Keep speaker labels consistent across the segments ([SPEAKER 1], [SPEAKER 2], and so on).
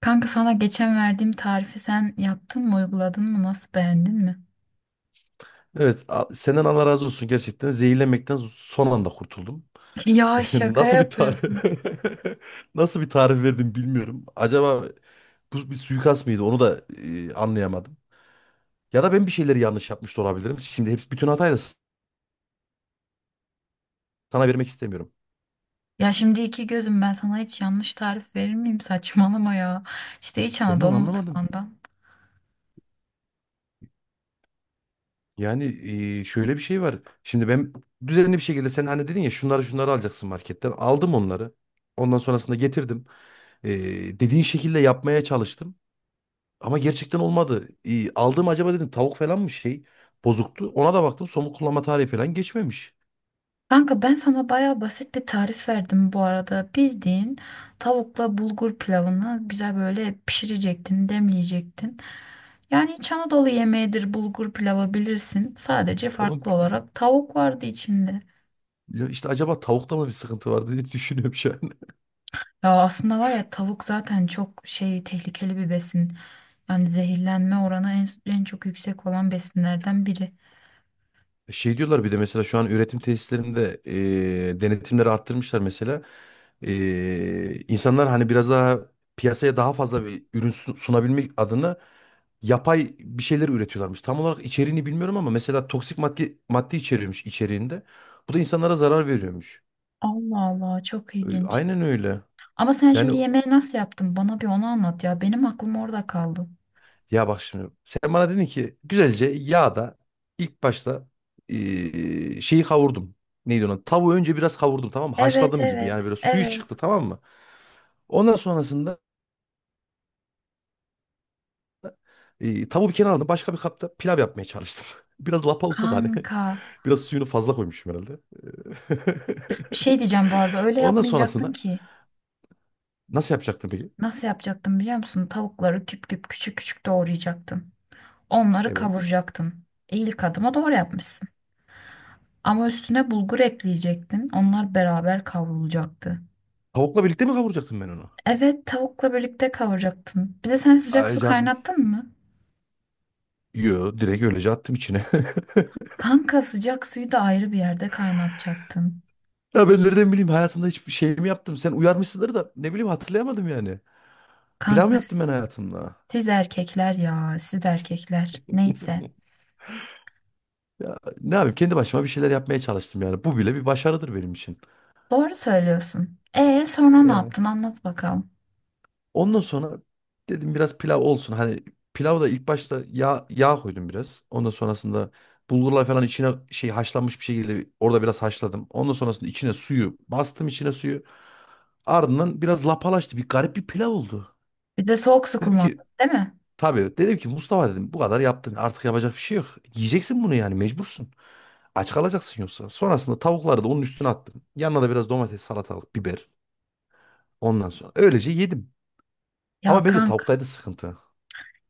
[SPEAKER 1] Kanka sana geçen verdiğim tarifi sen yaptın mı, uyguladın mı, nasıl beğendin mi?
[SPEAKER 2] Evet, senden Allah razı olsun gerçekten. Zehirlenmekten son anda kurtuldum.
[SPEAKER 1] Ya şaka
[SPEAKER 2] Nasıl bir tarif
[SPEAKER 1] yapıyorsun.
[SPEAKER 2] nasıl bir tarif verdim bilmiyorum. Acaba bu bir suikast mıydı? Onu da anlayamadım. Ya da ben bir şeyleri yanlış yapmış da olabilirim. Şimdi hep bütün hatayı da sana vermek istemiyorum.
[SPEAKER 1] Ya şimdi iki gözüm ben sana hiç yanlış tarif verir miyim? Saçmalama ya. İşte İç
[SPEAKER 2] Ben de
[SPEAKER 1] Anadolu
[SPEAKER 2] onu anlamadım.
[SPEAKER 1] mutfağından.
[SPEAKER 2] Yani şöyle bir şey var. Şimdi ben düzenli bir şekilde sen hani dedin ya şunları şunları alacaksın marketten. Aldım onları. Ondan sonrasında getirdim. E, Dediğin şekilde yapmaya çalıştım. Ama gerçekten olmadı. İyi, aldığım acaba dedim tavuk falan mı şey bozuktu. Ona da baktım somut kullanma tarihi falan geçmemiş.
[SPEAKER 1] Kanka ben sana baya basit bir tarif verdim bu arada. Bildiğin tavukla bulgur pilavını güzel böyle pişirecektin, demleyecektin. Yani İç Anadolu yemeğidir bulgur pilavı bilirsin. Sadece
[SPEAKER 2] Tamam.
[SPEAKER 1] farklı olarak tavuk vardı içinde.
[SPEAKER 2] Ya işte acaba tavukta mı bir sıkıntı var diye düşünüyorum şu an.
[SPEAKER 1] Ya aslında var ya tavuk zaten çok şey tehlikeli bir besin. Yani zehirlenme oranı en çok yüksek olan besinlerden biri.
[SPEAKER 2] Şey diyorlar bir de mesela şu an üretim tesislerinde denetimleri arttırmışlar mesela. İnsanlar hani biraz daha piyasaya daha fazla bir ürün sunabilmek adına yapay bir şeyler üretiyorlarmış. Tam olarak içeriğini bilmiyorum ama mesela toksik madde içeriyormuş içeriğinde. Bu da insanlara zarar veriyormuş.
[SPEAKER 1] Allah Allah, çok ilginç.
[SPEAKER 2] Aynen öyle.
[SPEAKER 1] Ama sen
[SPEAKER 2] Yani
[SPEAKER 1] şimdi yemeği nasıl yaptın? Bana bir onu anlat ya. Benim aklım orada kaldı.
[SPEAKER 2] ya bak şimdi sen bana dedin ki güzelce yağda ilk başta şeyi kavurdum. Neydi ona? Tavuğu önce biraz kavurdum, tamam mı?
[SPEAKER 1] Evet,
[SPEAKER 2] Haşladım gibi yani,
[SPEAKER 1] evet,
[SPEAKER 2] böyle suyu
[SPEAKER 1] evet,
[SPEAKER 2] çıktı, tamam mı? Ondan sonrasında tavuğu bir kenara aldım. Başka bir kapta pilav yapmaya çalıştım. Biraz lapa olsa da hani
[SPEAKER 1] kanka.
[SPEAKER 2] biraz suyunu fazla koymuşum herhalde.
[SPEAKER 1] Bir şey diyeceğim, bu arada öyle
[SPEAKER 2] Ondan
[SPEAKER 1] yapmayacaktın
[SPEAKER 2] sonrasında
[SPEAKER 1] ki.
[SPEAKER 2] nasıl yapacaktım peki?
[SPEAKER 1] Nasıl yapacaktın biliyor musun? Tavukları küp küp, küçük küçük doğrayacaktın. Onları
[SPEAKER 2] Evet.
[SPEAKER 1] kavuracaktın. İyilik adıma doğru yapmışsın. Ama üstüne bulgur ekleyecektin. Onlar beraber kavrulacaktı.
[SPEAKER 2] Tavukla birlikte mi kavuracaktım ben onu?
[SPEAKER 1] Evet, tavukla birlikte kavuracaktın. Bir de sen sıcak
[SPEAKER 2] Ay
[SPEAKER 1] su
[SPEAKER 2] canım.
[SPEAKER 1] kaynattın mı?
[SPEAKER 2] Yo, direkt öylece attım içine.
[SPEAKER 1] Kanka sıcak suyu da ayrı bir yerde kaynatacaktın.
[SPEAKER 2] Ya ben nereden bileyim, hayatımda hiçbir şey mi yaptım? Sen uyarmışsındır da ne bileyim hatırlayamadım yani. Plan mı
[SPEAKER 1] Kanka
[SPEAKER 2] yaptım
[SPEAKER 1] s-
[SPEAKER 2] ben hayatımda?
[SPEAKER 1] siz erkekler ya, siz erkekler. Neyse.
[SPEAKER 2] Ya ne yapayım, kendi başıma bir şeyler yapmaya çalıştım yani. Bu bile bir başarıdır benim için.
[SPEAKER 1] Doğru söylüyorsun. E sonra ne
[SPEAKER 2] Yani
[SPEAKER 1] yaptın? Anlat bakalım.
[SPEAKER 2] ondan sonra dedim biraz pilav olsun. Hani pilavda da ilk başta yağ koydum biraz. Ondan sonrasında bulgurlar falan içine şey haşlanmış bir şekilde orada biraz haşladım. Ondan sonrasında içine suyu bastım, içine suyu. Ardından biraz lapalaştı. Bir garip bir pilav oldu.
[SPEAKER 1] Bir de soğuk su
[SPEAKER 2] Dedim ki,
[SPEAKER 1] kullandın, değil mi?
[SPEAKER 2] tabii dedim ki Mustafa dedim, bu kadar yaptın artık yapacak bir şey yok. Yiyeceksin bunu yani, mecbursun. Aç kalacaksın yoksa. Sonrasında tavukları da onun üstüne attım. Yanına da biraz domates, salatalık, biber. Ondan sonra öylece yedim.
[SPEAKER 1] Ya
[SPEAKER 2] Ama bence
[SPEAKER 1] kanka.
[SPEAKER 2] tavuktaydı sıkıntı.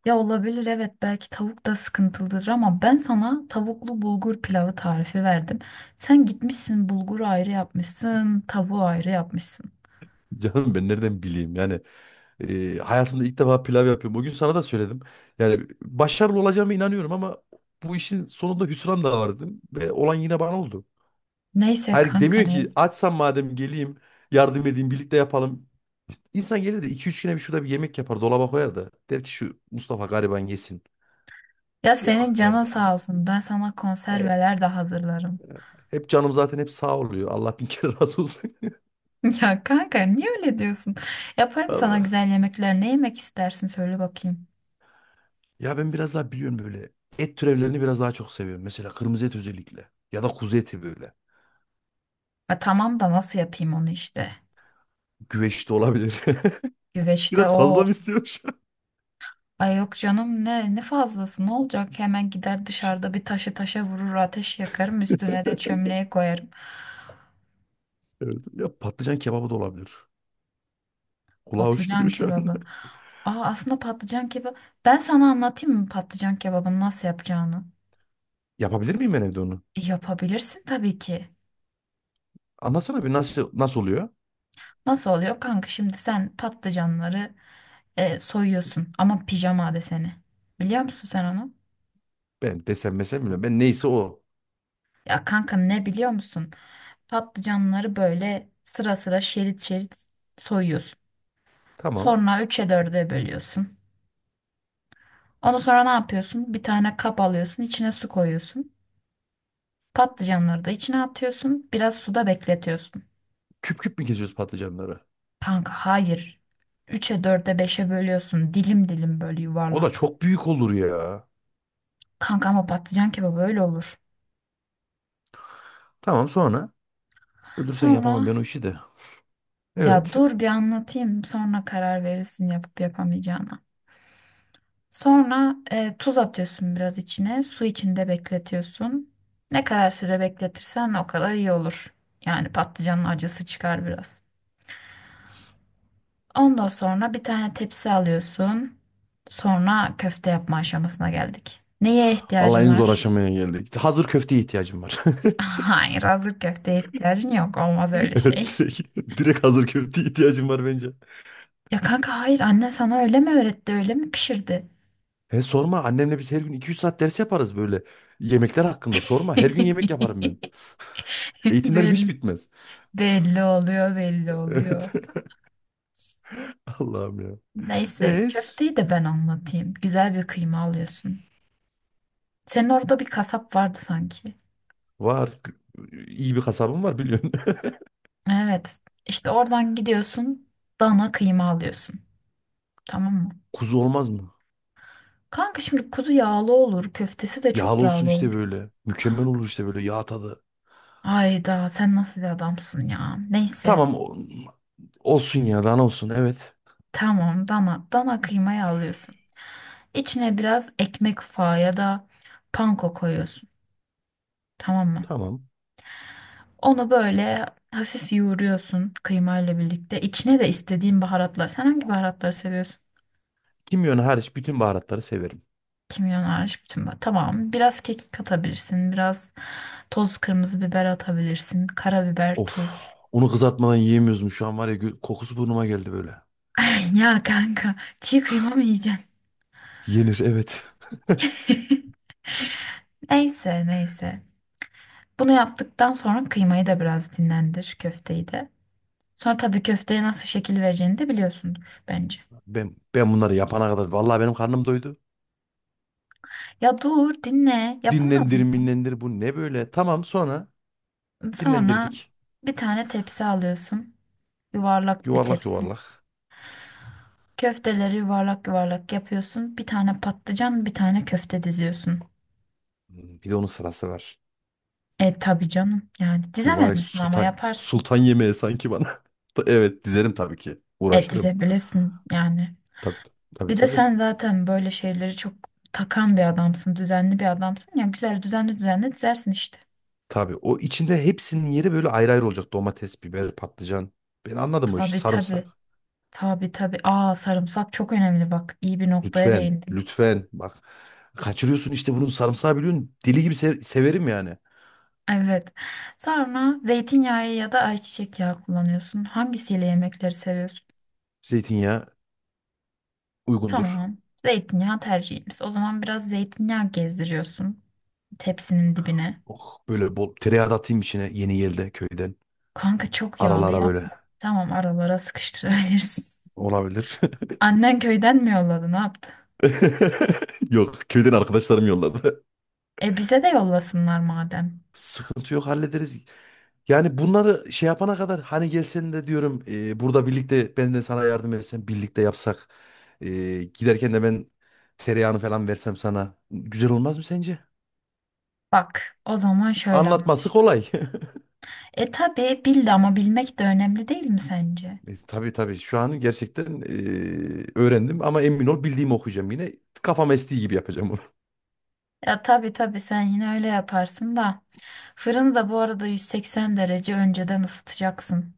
[SPEAKER 1] Ya olabilir, evet, belki tavuk da sıkıntılıdır ama ben sana tavuklu bulgur pilavı tarifi verdim. Sen gitmişsin bulguru ayrı yapmışsın, tavuğu ayrı yapmışsın.
[SPEAKER 2] Canım ben nereden bileyim yani, hayatımda ilk defa pilav yapıyorum. Bugün sana da söyledim. Yani başarılı olacağıma inanıyorum ama bu işin sonunda hüsran da var dedim. Ve olan yine bana oldu.
[SPEAKER 1] Neyse
[SPEAKER 2] Hayır
[SPEAKER 1] kanka,
[SPEAKER 2] demiyorsun ki
[SPEAKER 1] neyse.
[SPEAKER 2] açsam madem geleyim, yardım edeyim, birlikte yapalım. İnsan gelir de 2-3 güne bir şurada bir yemek yapar, dolaba koyar da der ki şu Mustafa gariban yesin.
[SPEAKER 1] Ya senin
[SPEAKER 2] Yok,
[SPEAKER 1] canın
[SPEAKER 2] nerede?
[SPEAKER 1] sağ olsun, ben sana
[SPEAKER 2] E,
[SPEAKER 1] konserveler de hazırlarım.
[SPEAKER 2] Hep canım zaten hep sağ oluyor. Allah bin kere razı olsun.
[SPEAKER 1] Ya kanka niye öyle diyorsun? Yaparım sana
[SPEAKER 2] Allah.
[SPEAKER 1] güzel yemekler. Ne yemek istersin söyle bakayım.
[SPEAKER 2] Ya ben biraz daha biliyorum böyle. Et türevlerini biraz daha çok seviyorum. Mesela kırmızı et özellikle. Ya da kuzu eti böyle.
[SPEAKER 1] Ya tamam da nasıl yapayım onu işte.
[SPEAKER 2] Güveç de olabilir.
[SPEAKER 1] Güveçte
[SPEAKER 2] Biraz fazla
[SPEAKER 1] o...
[SPEAKER 2] mı istiyorum şu an?
[SPEAKER 1] Ay yok canım, ne, ne fazlası ne olacak, hemen gider
[SPEAKER 2] Şey,
[SPEAKER 1] dışarıda bir taşı taşa vurur ateş yakarım, üstüne de çömleği koyarım.
[SPEAKER 2] evet. Ya patlıcan kebabı da olabilir. Kulağa hoş
[SPEAKER 1] Patlıcan
[SPEAKER 2] geliyor şu an.
[SPEAKER 1] kebabı. Aa, aslında patlıcan kebabı, ben sana anlatayım mı patlıcan kebabını nasıl yapacağını?
[SPEAKER 2] Yapabilir miyim ben evde onu?
[SPEAKER 1] Yapabilirsin tabii ki.
[SPEAKER 2] Anlatsana bir, nasıl nasıl oluyor?
[SPEAKER 1] Nasıl oluyor kanka, şimdi sen patlıcanları soyuyorsun ama pijama deseni. Biliyor musun sen onu?
[SPEAKER 2] Ben desem mesem bilmiyorum. Ben neyse o.
[SPEAKER 1] Ya kanka, ne biliyor musun? Patlıcanları böyle sıra sıra, şerit şerit soyuyorsun.
[SPEAKER 2] Tamam.
[SPEAKER 1] Sonra üç'e dörde bölüyorsun. Ondan sonra ne yapıyorsun? Bir tane kap alıyorsun, içine su koyuyorsun. Patlıcanları da içine atıyorsun. Biraz suda bekletiyorsun.
[SPEAKER 2] Küp küp mü kesiyoruz patlıcanları?
[SPEAKER 1] Kanka hayır. Üçe dörde beşe bölüyorsun. Dilim dilim, böyle
[SPEAKER 2] O da
[SPEAKER 1] yuvarlak.
[SPEAKER 2] çok büyük olur ya.
[SPEAKER 1] Kanka ama patlıcan kebabı öyle olur.
[SPEAKER 2] Tamam, sonra. Ölürsen yapamam
[SPEAKER 1] Sonra
[SPEAKER 2] ben o işi de.
[SPEAKER 1] ya
[SPEAKER 2] Evet.
[SPEAKER 1] dur bir anlatayım. Sonra karar verirsin yapıp yapamayacağına. Sonra tuz atıyorsun biraz içine. Su içinde bekletiyorsun. Ne kadar süre bekletirsen o kadar iyi olur. Yani patlıcanın acısı çıkar biraz. Ondan sonra bir tane tepsi alıyorsun. Sonra köfte yapma aşamasına geldik. Neye
[SPEAKER 2] Vallahi
[SPEAKER 1] ihtiyacın
[SPEAKER 2] en zor
[SPEAKER 1] var?
[SPEAKER 2] aşamaya geldik. Hazır köfteye ihtiyacım var.
[SPEAKER 1] Hayır, hazır köfteye ihtiyacın yok. Olmaz öyle şey.
[SPEAKER 2] Evet, direkt, direkt hazır köfteye ihtiyacım var bence.
[SPEAKER 1] Ya kanka hayır, anne sana öyle mi öğretti, öyle mi pişirdi?
[SPEAKER 2] He, sorma, annemle biz her gün 2-3 saat ders yaparız böyle. Yemekler hakkında sorma. Her gün yemek yaparım ben. Eğitimlerim hiç
[SPEAKER 1] Belli,
[SPEAKER 2] bitmez.
[SPEAKER 1] belli oluyor, belli
[SPEAKER 2] Evet.
[SPEAKER 1] oluyor.
[SPEAKER 2] Allah'ım ya.
[SPEAKER 1] Neyse
[SPEAKER 2] E,
[SPEAKER 1] köfteyi de ben anlatayım. Güzel bir kıyma alıyorsun. Senin orada bir kasap vardı sanki.
[SPEAKER 2] var. İyi bir kasabım var biliyorsun.
[SPEAKER 1] Evet. İşte oradan gidiyorsun, dana kıyma alıyorsun. Tamam mı?
[SPEAKER 2] Kuzu olmaz mı?
[SPEAKER 1] Kanka şimdi kuzu yağlı olur. Köftesi de çok
[SPEAKER 2] Yağlı olsun
[SPEAKER 1] yağlı
[SPEAKER 2] işte
[SPEAKER 1] olur.
[SPEAKER 2] böyle. Mükemmel olur işte böyle yağ tadı.
[SPEAKER 1] Ayda sen nasıl bir adamsın ya. Neyse,
[SPEAKER 2] Tamam, olsun ya, dana olsun, evet.
[SPEAKER 1] tamam, dana kıymayı alıyorsun. İçine biraz ekmek ufağı ya da panko koyuyorsun. Tamam mı?
[SPEAKER 2] Tamam.
[SPEAKER 1] Onu böyle hafif yoğuruyorsun kıymayla birlikte. İçine de istediğin baharatlar. Sen hangi baharatları seviyorsun?
[SPEAKER 2] Kimyonu hariç bütün baharatları severim.
[SPEAKER 1] Kimyon hariç bütün. Tamam. Biraz kekik katabilirsin. Biraz toz kırmızı biber atabilirsin. Karabiber,
[SPEAKER 2] Of.
[SPEAKER 1] tuz.
[SPEAKER 2] Onu kızartmadan yiyemiyoruz mu şu an, var ya, kokusu burnuma geldi böyle.
[SPEAKER 1] Ya kanka, çiğ kıyma mı yiyeceksin?
[SPEAKER 2] Yenir, evet.
[SPEAKER 1] Neyse, neyse. Bunu yaptıktan sonra kıymayı da biraz dinlendir, köfteyi de. Sonra tabii köfteye nasıl şekil vereceğini de biliyorsundur bence.
[SPEAKER 2] Ben bunları yapana kadar vallahi benim karnım doydu.
[SPEAKER 1] Ya dur dinle, yapamaz
[SPEAKER 2] Dinlendir
[SPEAKER 1] mısın?
[SPEAKER 2] minlendir bu ne böyle? Tamam, sonra
[SPEAKER 1] Sonra
[SPEAKER 2] dinlendirdik.
[SPEAKER 1] bir tane tepsi alıyorsun. Yuvarlak bir
[SPEAKER 2] Yuvarlak
[SPEAKER 1] tepsi.
[SPEAKER 2] yuvarlak.
[SPEAKER 1] Köfteleri yuvarlak yuvarlak yapıyorsun. Bir tane patlıcan, bir tane köfte diziyorsun.
[SPEAKER 2] Hmm, bir de onun sırası var.
[SPEAKER 1] E tabii canım. Yani dizemez
[SPEAKER 2] Mübarek
[SPEAKER 1] misin, ama
[SPEAKER 2] sultan
[SPEAKER 1] yaparsın.
[SPEAKER 2] sultan yemeği sanki bana. Evet, dizerim tabii ki.
[SPEAKER 1] E
[SPEAKER 2] Uğraşırım.
[SPEAKER 1] dizebilirsin yani.
[SPEAKER 2] Tabii, tabii
[SPEAKER 1] Bir de
[SPEAKER 2] tabii.
[SPEAKER 1] sen zaten böyle şeyleri çok takan bir adamsın. Düzenli bir adamsın. Ya güzel, düzenli düzenli dizersin işte.
[SPEAKER 2] Tabii o içinde hepsinin yeri böyle ayrı ayrı olacak. Domates, biber, patlıcan. Ben anladım o işi.
[SPEAKER 1] Tabii tabii.
[SPEAKER 2] Sarımsak.
[SPEAKER 1] Tabii tabii. Aa, sarımsak çok önemli bak. İyi bir noktaya
[SPEAKER 2] Lütfen,
[SPEAKER 1] değindin.
[SPEAKER 2] lütfen. Bak, kaçırıyorsun işte bunun sarımsağı biliyorsun. Deli gibi severim yani.
[SPEAKER 1] Evet. Sonra zeytinyağı ya da ayçiçek yağı kullanıyorsun. Hangisiyle yemekleri seviyorsun?
[SPEAKER 2] Zeytinyağı uygundur.
[SPEAKER 1] Tamam. Zeytinyağı tercihimiz. O zaman biraz zeytinyağı gezdiriyorsun tepsinin dibine.
[SPEAKER 2] Oh, böyle bol tereyağı da atayım içine yeni yelde köyden.
[SPEAKER 1] Kanka çok yağlı
[SPEAKER 2] Aralara böyle
[SPEAKER 1] yapma. Tamam, aralara sıkıştırabilirsin.
[SPEAKER 2] olabilir.
[SPEAKER 1] Annen köyden mi yolladı, ne yaptı?
[SPEAKER 2] Yok, köyden arkadaşlarım yolladı.
[SPEAKER 1] E bize de yollasınlar madem.
[SPEAKER 2] Sıkıntı yok, hallederiz. Yani bunları şey yapana kadar hani gelsen de diyorum, burada birlikte ben de sana yardım etsem, birlikte yapsak. Giderken de ben tereyağını falan versem sana. Güzel olmaz mı sence?
[SPEAKER 1] Bak o zaman şöyle.
[SPEAKER 2] Anlatması kolay.
[SPEAKER 1] E tabii bildi, ama bilmek de önemli değil mi sence?
[SPEAKER 2] Tabii tabii, şu an gerçekten öğrendim ama emin ol bildiğimi okuyacağım yine. Kafam estiği gibi yapacağım bunu.
[SPEAKER 1] Ya tabii tabii, sen yine öyle yaparsın da. Fırını da bu arada 180 derece önceden ısıtacaksın.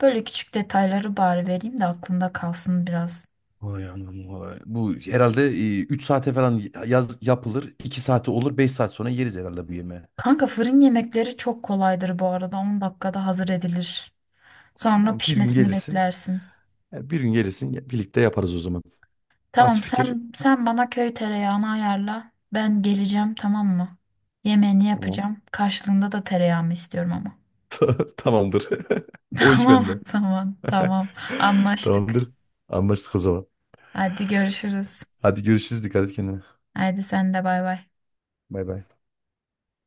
[SPEAKER 1] Böyle küçük detayları bari vereyim de aklında kalsın biraz.
[SPEAKER 2] Vay anam vay. Bu herhalde 3 saate falan yapılır. 2 saate olur, 5 saat sonra yeriz herhalde bu yemeği.
[SPEAKER 1] Kanka fırın yemekleri çok kolaydır bu arada. 10 dakikada hazır edilir. Sonra
[SPEAKER 2] Tamam, bir gün
[SPEAKER 1] pişmesini
[SPEAKER 2] gelirsin.
[SPEAKER 1] beklersin.
[SPEAKER 2] Bir gün gelirsin birlikte yaparız o zaman. Nasıl
[SPEAKER 1] Tamam,
[SPEAKER 2] fikir?
[SPEAKER 1] sen bana köy tereyağını ayarla. Ben geleceğim, tamam mı? Yemeğini
[SPEAKER 2] Tamam.
[SPEAKER 1] yapacağım. Karşılığında da tereyağımı istiyorum ama.
[SPEAKER 2] Tamamdır. O iş bende.
[SPEAKER 1] Tamam, tamam, tamam. Anlaştık.
[SPEAKER 2] Tamamdır. Anlaştık o zaman.
[SPEAKER 1] Hadi görüşürüz.
[SPEAKER 2] Hadi görüşürüz. Dikkat et kendine.
[SPEAKER 1] Hadi sen de bay bay.
[SPEAKER 2] Bay bay.